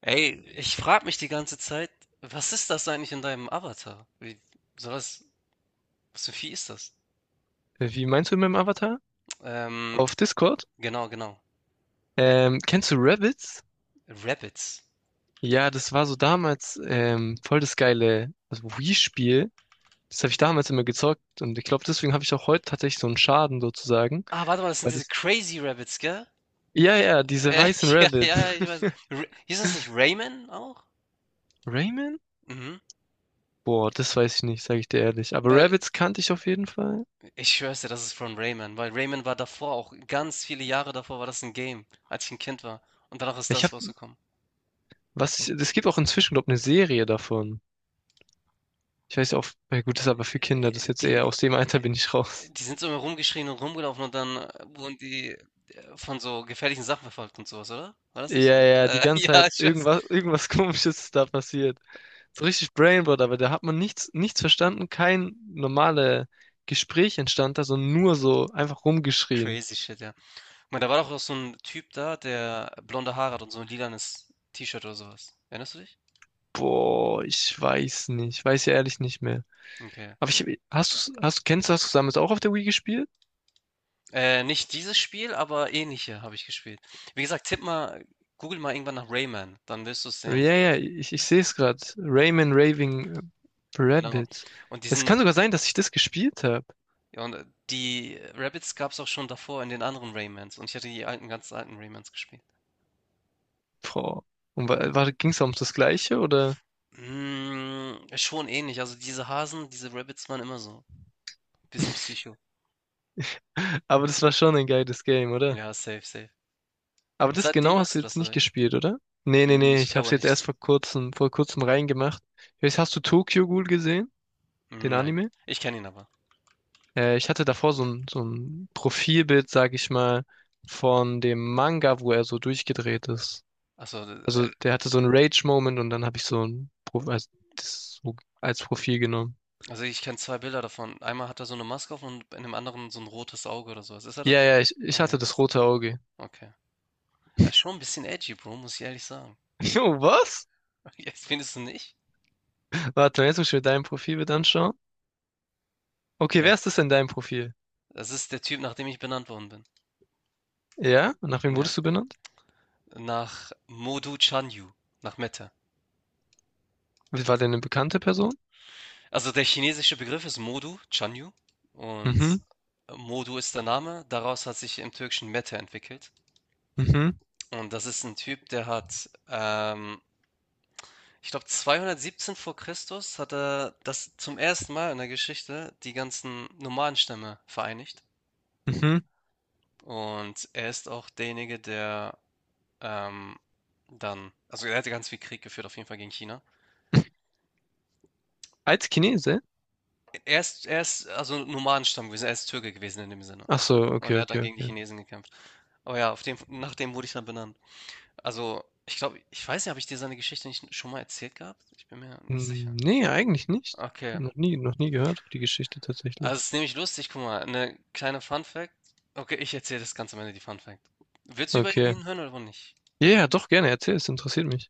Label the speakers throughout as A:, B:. A: Ey, ich frage mich die ganze Zeit, was ist das eigentlich in deinem Avatar? Wie, sowas, was für ein Vieh ist das?
B: Wie meinst du mit dem Avatar?
A: Ähm,
B: Auf Discord?
A: genau, genau.
B: Kennst du Rabbids?
A: Rabbits.
B: Ja, das war so damals voll das geile also Wii-Spiel. Das habe ich damals immer gezockt und ich glaube, deswegen habe ich auch heute tatsächlich so einen Schaden sozusagen.
A: Ah, warte mal, das sind
B: Weil
A: diese
B: das,
A: Crazy Rabbits, gell?
B: ja, ja, diese
A: Äh,
B: weißen
A: ja,
B: Rabbids.
A: ja, ja, ich weiß. R hieß das nicht Rayman auch?
B: Rayman?
A: Mhm.
B: Boah, das weiß ich nicht, sage ich dir ehrlich. Aber
A: Weil,
B: Rabbids kannte ich auf jeden Fall.
A: Ich schwör's dir, das ist von Rayman, weil Rayman war davor auch, ganz viele Jahre davor war das ein Game, als ich ein Kind war. Und danach ist
B: Ich
A: das
B: habe,
A: rausgekommen.
B: was, ist- es gibt auch inzwischen, glaube ich, eine Serie davon. Ich weiß ja auch, ja gut, das ist aber für Kinder, das ist
A: Äh,
B: jetzt
A: die
B: eher aus dem Alter bin ich
A: äh,
B: raus.
A: die sind so immer rumgeschrien und rumgelaufen und dann wurden die von so gefährlichen Sachen verfolgt und sowas, oder? War das nicht
B: Ja,
A: so?
B: ja, die ganze
A: Ja,
B: Zeit
A: ich weiß.
B: irgendwas, irgendwas Komisches ist da passiert. So richtig Brainboard, aber da hat man nichts, nichts verstanden, kein normales Gespräch entstand da, sondern nur so einfach rumgeschrien.
A: Crazy shit, ja. Ich meine, da war doch auch so ein Typ da, der blonde Haare hat und so ein lilanes T-Shirt oder sowas. Erinnerst du dich?
B: Boah, ich weiß nicht, ich weiß ja ehrlich nicht mehr.
A: Okay.
B: Aber ich, hast du, hast, kennst du, hast du damals auch auf der Wii gespielt?
A: Nicht dieses Spiel, aber ähnliche habe ich gespielt. Wie gesagt, tipp mal google mal irgendwann nach Rayman, dann wirst du es
B: Ja,
A: sehen.
B: ja, ich sehe es gerade. Rayman Raving
A: Genau.
B: Rabbids.
A: Und
B: Es
A: diesen.
B: kann sogar sein, dass ich das gespielt habe.
A: Ja, und die Rabbids gab es auch schon davor in den anderen Raymans. Und ich hatte die alten, ganz alten Raymans gespielt.
B: Boah. Und war, war, ging es um das Gleiche, oder?
A: Mm, schon ähnlich. Also diese Hasen, diese Rabbids waren immer so. Bisschen Psycho.
B: Aber das war schon ein geiles Game, oder?
A: Ja, safe, safe.
B: Aber
A: Und
B: das
A: seitdem
B: genau hast
A: hast
B: du
A: du
B: jetzt
A: das, oder
B: nicht
A: wie?
B: gespielt, oder? Nee, nee,
A: Mm,
B: nee,
A: ich
B: ich hab's
A: glaube
B: jetzt
A: nicht.
B: erst vor kurzem reingemacht. Jetzt hast du Tokyo Ghoul gesehen, den
A: Mm, nein.
B: Anime?
A: Ich kenne ihn aber.
B: Ich hatte davor so ein Profilbild, sag ich mal, von dem Manga, wo er so durchgedreht ist.
A: Also,
B: Also der hatte so einen Rage-Moment und dann habe ich so ein Pro als, das so als Profil genommen.
A: also ich kenne zwei Bilder davon. Einmal hat er so eine Maske auf und in dem anderen so ein rotes Auge oder sowas. Ist er
B: Ja,
A: das?
B: ja, ich hatte
A: Okay,
B: das rote Auge.
A: okay. Er ist schon ein bisschen edgy, Bro, muss ich ehrlich sagen.
B: Jo, was?
A: Jetzt findest du nicht?
B: Warte, jetzt muss ich mir dein Profilbild anschauen. Okay,
A: Ja.
B: wer ist das in deinem Profil?
A: Das ist der Typ, nach dem ich benannt worden bin.
B: Ja? Und nach wem
A: Ja,
B: wurdest du benannt?
A: nach Modu Chanyu, nach Mette.
B: War der eine bekannte Person?
A: Also der chinesische Begriff ist Modu Chanyu, und
B: Mhm,
A: Modu ist der Name. Daraus hat sich im Türkischen Mete entwickelt.
B: mhm,
A: Und das ist ein Typ, der hat, ich glaube, 217 vor Christus hat er das zum ersten Mal in der Geschichte die ganzen Nomadenstämme vereinigt.
B: mhm.
A: Und er ist auch derjenige, der ähm, also er hatte ganz viel Krieg geführt, auf jeden Fall gegen China.
B: Als Chinese?
A: Er ist also Nomadenstamm gewesen, er ist Türke gewesen in dem Sinne.
B: Ach so,
A: Und
B: okay,
A: er hat dann
B: okay,
A: gegen die
B: okay.
A: Chinesen gekämpft. Aber ja, auf dem, nach dem wurde ich dann benannt. Also, ich glaube, ich weiß nicht, habe ich dir seine Geschichte nicht schon mal erzählt gehabt? Ich bin mir nicht sicher.
B: Hm, nee, eigentlich nicht.
A: Okay.
B: Noch nie gehört, die Geschichte
A: Also, es
B: tatsächlich.
A: ist nämlich lustig, guck mal, eine kleine Fun Fact. Okay, ich erzähle das ganz am Ende, die Fun Fact. Willst du über
B: Okay.
A: ihn hören oder nicht?
B: Ja, ja, doch gerne, erzähl, es interessiert mich.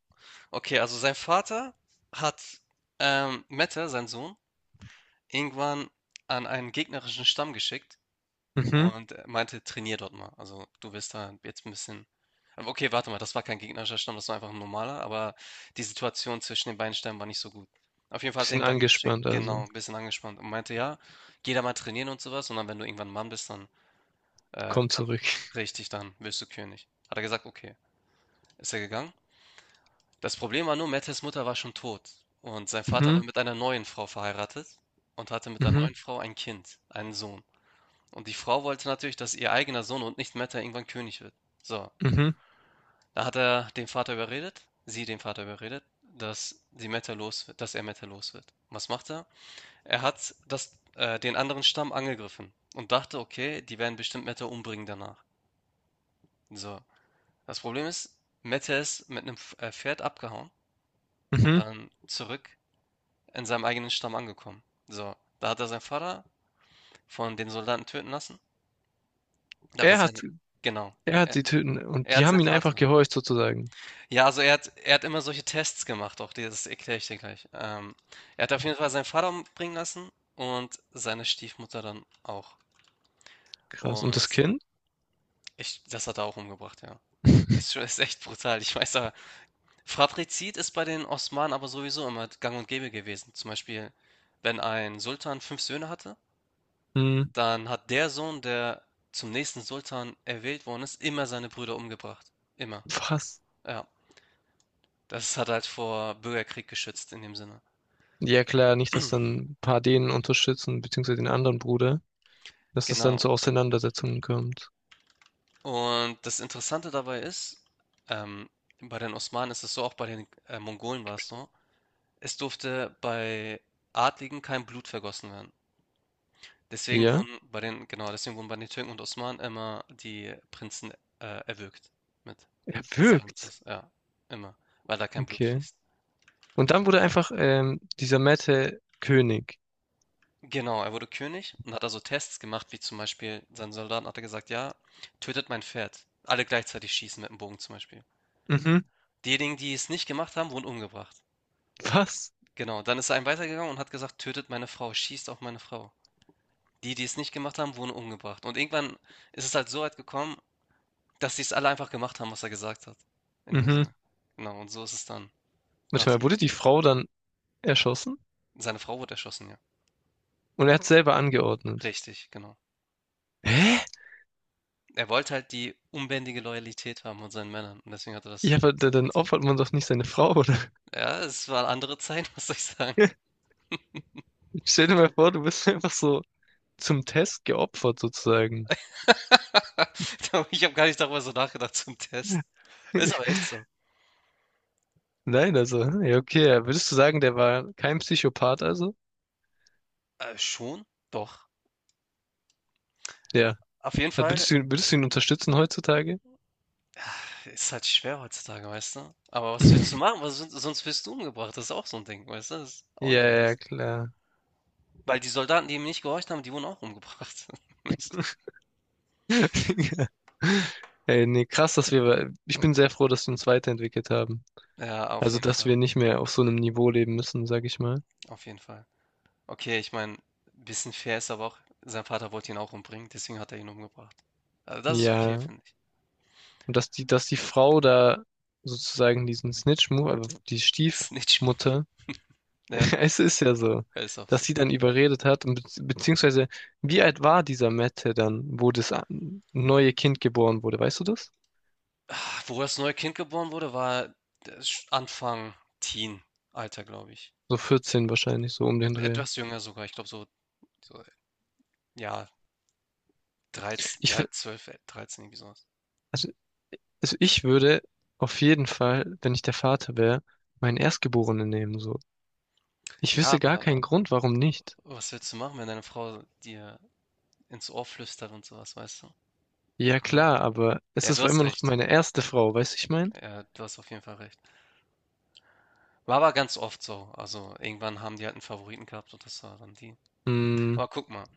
A: Okay, also sein Vater hat Mette, sein Sohn, irgendwann an einen gegnerischen Stamm geschickt.
B: Mhm.
A: Und er meinte, trainier dort mal. Also du wirst da jetzt ein bisschen. Aber okay, warte mal, das war kein gegnerischer Stamm, das war einfach ein normaler, aber die Situation zwischen den beiden Stämmen war nicht so gut. Auf jeden Fall hat er
B: Bisschen
A: ihn dann geschickt,
B: angespannt, also.
A: genau, ein bisschen angespannt und meinte, ja, geh da mal trainieren und sowas, und dann, wenn du irgendwann Mann bist, dann äh,
B: Komm
A: kann,
B: zurück.
A: richtig, dann wirst du König. Hat er gesagt, okay, ist er gegangen. Das Problem war nur, Mettes Mutter war schon tot und sein Vater war
B: Mhm,
A: mit einer neuen Frau verheiratet und hatte mit der
B: mhm,
A: neuen Frau ein Kind, einen Sohn. Und die Frau wollte natürlich, dass ihr eigener Sohn und nicht Meta irgendwann König wird. So,
B: mhm,
A: da hat er den Vater überredet, sie den Vater überredet, dass sie Meta los wird, dass er Meta los wird. Was macht er? Er hat den anderen Stamm angegriffen und dachte, okay, die werden bestimmt Meta umbringen danach. So, das Problem ist, Meta ist mit einem Pferd abgehauen und
B: mhm.
A: dann zurück in seinem eigenen Stamm angekommen. So, da hat er seinen Vater von den Soldaten töten lassen. Da hat er
B: Er hat,
A: seine, genau,
B: er hat
A: er,
B: sie töten und
A: er
B: die
A: hat
B: haben
A: seinen
B: ihn einfach
A: Vater.
B: gehorcht sozusagen.
A: Ja, also er hat immer solche Tests gemacht, auch das erkläre ich dir gleich. Er hat auf jeden Fall seinen Vater umbringen lassen und seine Stiefmutter dann auch.
B: Krass. Und das
A: Und
B: Kind?
A: das hat er auch umgebracht, ja. Ist echt brutal. Ich weiß aber, Fratrizid ist bei den Osmanen aber sowieso immer gang und gäbe gewesen. Zum Beispiel, wenn ein Sultan fünf Söhne hatte,
B: Hm,
A: dann hat der Sohn, der zum nächsten Sultan erwählt worden ist, immer seine Brüder umgebracht. Immer.
B: was?
A: Ja. Das hat halt vor Bürgerkrieg geschützt in dem Sinne.
B: Ja klar, nicht, dass dann ein paar denen unterstützen, beziehungsweise den anderen Bruder, dass es dann
A: Genau.
B: zu Auseinandersetzungen kommt.
A: Und das Interessante dabei ist, ähm, bei den Osmanen ist es so, auch bei den Mongolen war es so, es durfte bei Adligen kein Blut vergossen werden. Deswegen
B: Ja,
A: wurden bei den, genau, deswegen wurden bei den Türken und Osmanen immer die Prinzen erwürgt mit
B: er wirkt.
A: Salmitos, ja, immer, weil da kein Blut
B: Okay.
A: fließt.
B: Und dann wurde einfach dieser Mette König.
A: Genau, er wurde König und hat also Tests gemacht, wie zum Beispiel seinen Soldaten hat er gesagt, ja, tötet mein Pferd. Alle gleichzeitig schießen mit dem Bogen zum Beispiel.
B: Mhm.
A: Diejenigen, die es nicht gemacht haben, wurden umgebracht.
B: Was?
A: Genau, dann ist er einen weitergegangen und hat gesagt: „Tötet meine Frau, schießt auf meine Frau.“ Die, die es nicht gemacht haben, wurden umgebracht. Und irgendwann ist es halt so weit gekommen, dass die es alle einfach gemacht haben, was er gesagt hat. In dem
B: Mhm.
A: Sinne. Genau, und so ist es dann
B: Warte
A: nach
B: mal, wurde
A: ihm.
B: die Frau dann erschossen?
A: Seine Frau wurde erschossen, ja.
B: Und er hat selber angeordnet.
A: Richtig, genau.
B: Hä?
A: Er wollte halt die unbändige Loyalität haben von seinen Männern und deswegen hat er
B: Ja, aber
A: das
B: da-
A: hat ich
B: dann
A: durchgezogen.
B: opfert man doch nicht seine Frau, oder?
A: Ja, es waren andere Zeiten, was soll ich sagen?
B: Stell dir mal vor, du bist einfach so zum Test geopfert, sozusagen.
A: Ich habe gar nicht darüber so nachgedacht zum Test. Ist aber echt so.
B: Nein, also, hm, ja, okay, ja. Würdest du sagen, der war kein Psychopath, also?
A: Schon, doch.
B: Ja.
A: Auf jeden Fall.
B: Würdest du ihn unterstützen heutzutage?
A: Ist halt schwer heutzutage, weißt du? Aber was willst du machen? Was, sonst wirst du umgebracht. Das ist auch so ein Ding, weißt du? Das ist auch
B: Ja,
A: nicht
B: ja,
A: nice.
B: klar.
A: Weil die Soldaten, die ihm nicht gehorcht haben, die wurden auch umgebracht.
B: Ey, nee, krass, dass wir, ich bin sehr froh, dass wir uns weiterentwickelt haben.
A: Ja,
B: Also, dass wir nicht mehr auf so einem Niveau leben müssen, sag ich mal.
A: Auf jeden Fall. Okay, ich meine, bisschen fair ist aber auch, sein Vater wollte ihn auch umbringen, deswegen hat er ihn umgebracht. Also, das ist okay,
B: Ja,
A: finde ich.
B: und dass die Frau da sozusagen diesen Snitch-Move, also die
A: Das ist nicht schlimm.
B: Stiefmutter,
A: Ja,
B: es ist ja so,
A: er ist auch
B: dass
A: so.
B: sie dann überredet hat, und bezieh- beziehungsweise, wie alt war dieser Mette dann, wo das a- neue Kind geboren wurde, weißt du das?
A: Ah, wo das neue Kind geboren wurde, war das sch Anfang Teen-Alter, glaube ich.
B: So 14 wahrscheinlich, so um den Dreh.
A: Etwas jünger sogar, ich glaube so, ja,
B: Ich, f-
A: 13, irgendwie sowas.
B: also Also ich würde auf jeden Fall, wenn ich der Vater wäre, meinen Erstgeborenen nehmen, so. Ich
A: Ja,
B: wüsste gar
A: aber
B: keinen Grund, warum nicht.
A: was willst du machen, wenn deine Frau dir ins Ohr flüstert und sowas, weißt du?
B: Ja
A: Keine Ahnung.
B: klar, aber es
A: Ja, du
B: ist
A: hast
B: immer noch
A: recht.
B: meine erste Frau, weißt du, ich mein?
A: Ja, du hast auf jeden Fall recht. War aber ganz oft so. Also irgendwann haben die halt einen Favoriten gehabt und das war dann die.
B: Mm,
A: Aber guck mal,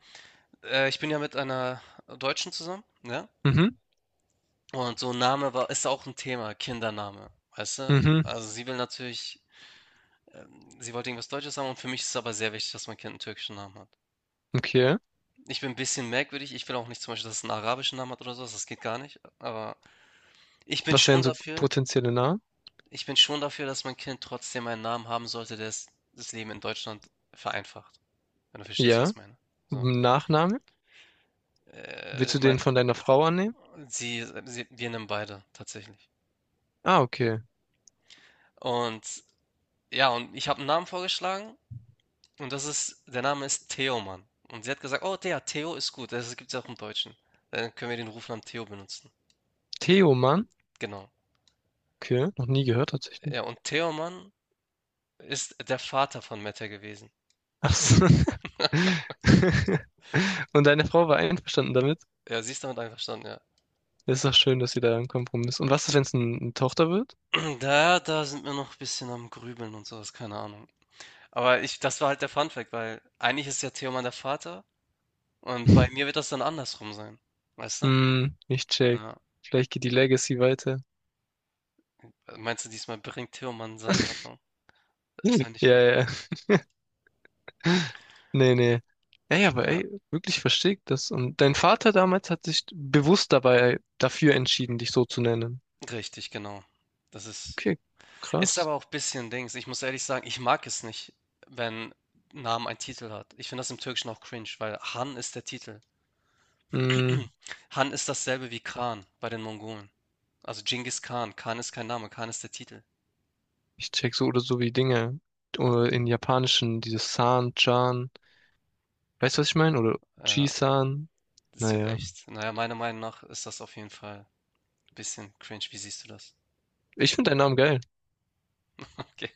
A: ich bin ja mit einer Deutschen zusammen, ne?
B: mhm,
A: Und so ein Name war, ist auch ein Thema, Kindername, weißt du?
B: mhm,
A: Also sie will natürlich, sie wollte irgendwas Deutsches haben und für mich ist es aber sehr wichtig, dass mein Kind einen türkischen Namen hat.
B: okay.
A: Ich bin ein bisschen merkwürdig. Ich will auch nicht zum Beispiel, dass es 'n arabischen Namen hat oder so, das geht gar nicht. Aber ich bin
B: Was
A: schon
B: wären so
A: dafür
B: potenzielle Namen?
A: ich bin schon dafür, dass mein Kind trotzdem einen Namen haben sollte, der es das Leben in Deutschland vereinfacht, wenn du verstehst, was
B: Ja.
A: ich meine. So,
B: Nachname? Willst du
A: mein
B: den von deiner Frau annehmen?
A: sie sie wir nehmen beide tatsächlich.
B: Ah, okay.
A: Und ja, und ich habe einen Namen vorgeschlagen und das ist der Name ist Theoman. Und sie hat gesagt: „Oh, der Theo ist gut.“ Das gibt ja auch im Deutschen. Dann können wir den Rufnamen Theo benutzen.
B: Theoman?
A: Genau.
B: Okay, noch nie gehört tatsächlich.
A: Ja, und Theoman ist der Vater von Mette gewesen.
B: Ach so. Und deine Frau war einverstanden damit?
A: Ja, sie ist damit einverstanden, ja.
B: Das ist doch schön, dass ihr da einen Kompromiss. Und was ist, wenn es ein- eine Tochter wird?
A: Da da sind wir noch 'n bisschen am Grübeln und sowas, keine Ahnung. Aber ich, das war halt der Fun Fact, weil eigentlich ist ja Theoman der Vater und bei mir wird das dann andersrum sein, weißt du?
B: Hm, ich check.
A: Na,
B: Vielleicht geht die Legacy weiter.
A: meinst du, diesmal bringt Theoman seinen Vater um?
B: Ja,
A: Das wäre nicht gut.
B: ja. Nee, nee. Ja, ja, aber
A: Ja,
B: ey, wirklich verstehe ich das. Und dein Vater damals hat sich bewusst dabei dafür entschieden, dich so zu nennen.
A: richtig, genau. Das ist
B: Okay,
A: Ist
B: krass.
A: aber auch ein bisschen Dings. Ich muss ehrlich sagen, ich mag es nicht, wenn Namen einen Titel hat. Ich finde das im Türkischen auch cringe, weil Han ist der Titel.
B: Hm,
A: Han ist dasselbe wie Khan bei den Mongolen. Also Genghis Khan. Khan ist kein Name, Khan ist der Titel.
B: ich check so oder so wie Dinge. Oder in Japanischen, dieses San, Chan. Weißt du, was ich meine? Oder
A: Ja,
B: Ji-san.
A: das wird
B: Naja.
A: echt. Naja, meiner Meinung nach ist das auf jeden Fall ein bisschen cringe. Wie siehst du das?
B: Ich finde deinen Namen geil.
A: Okay.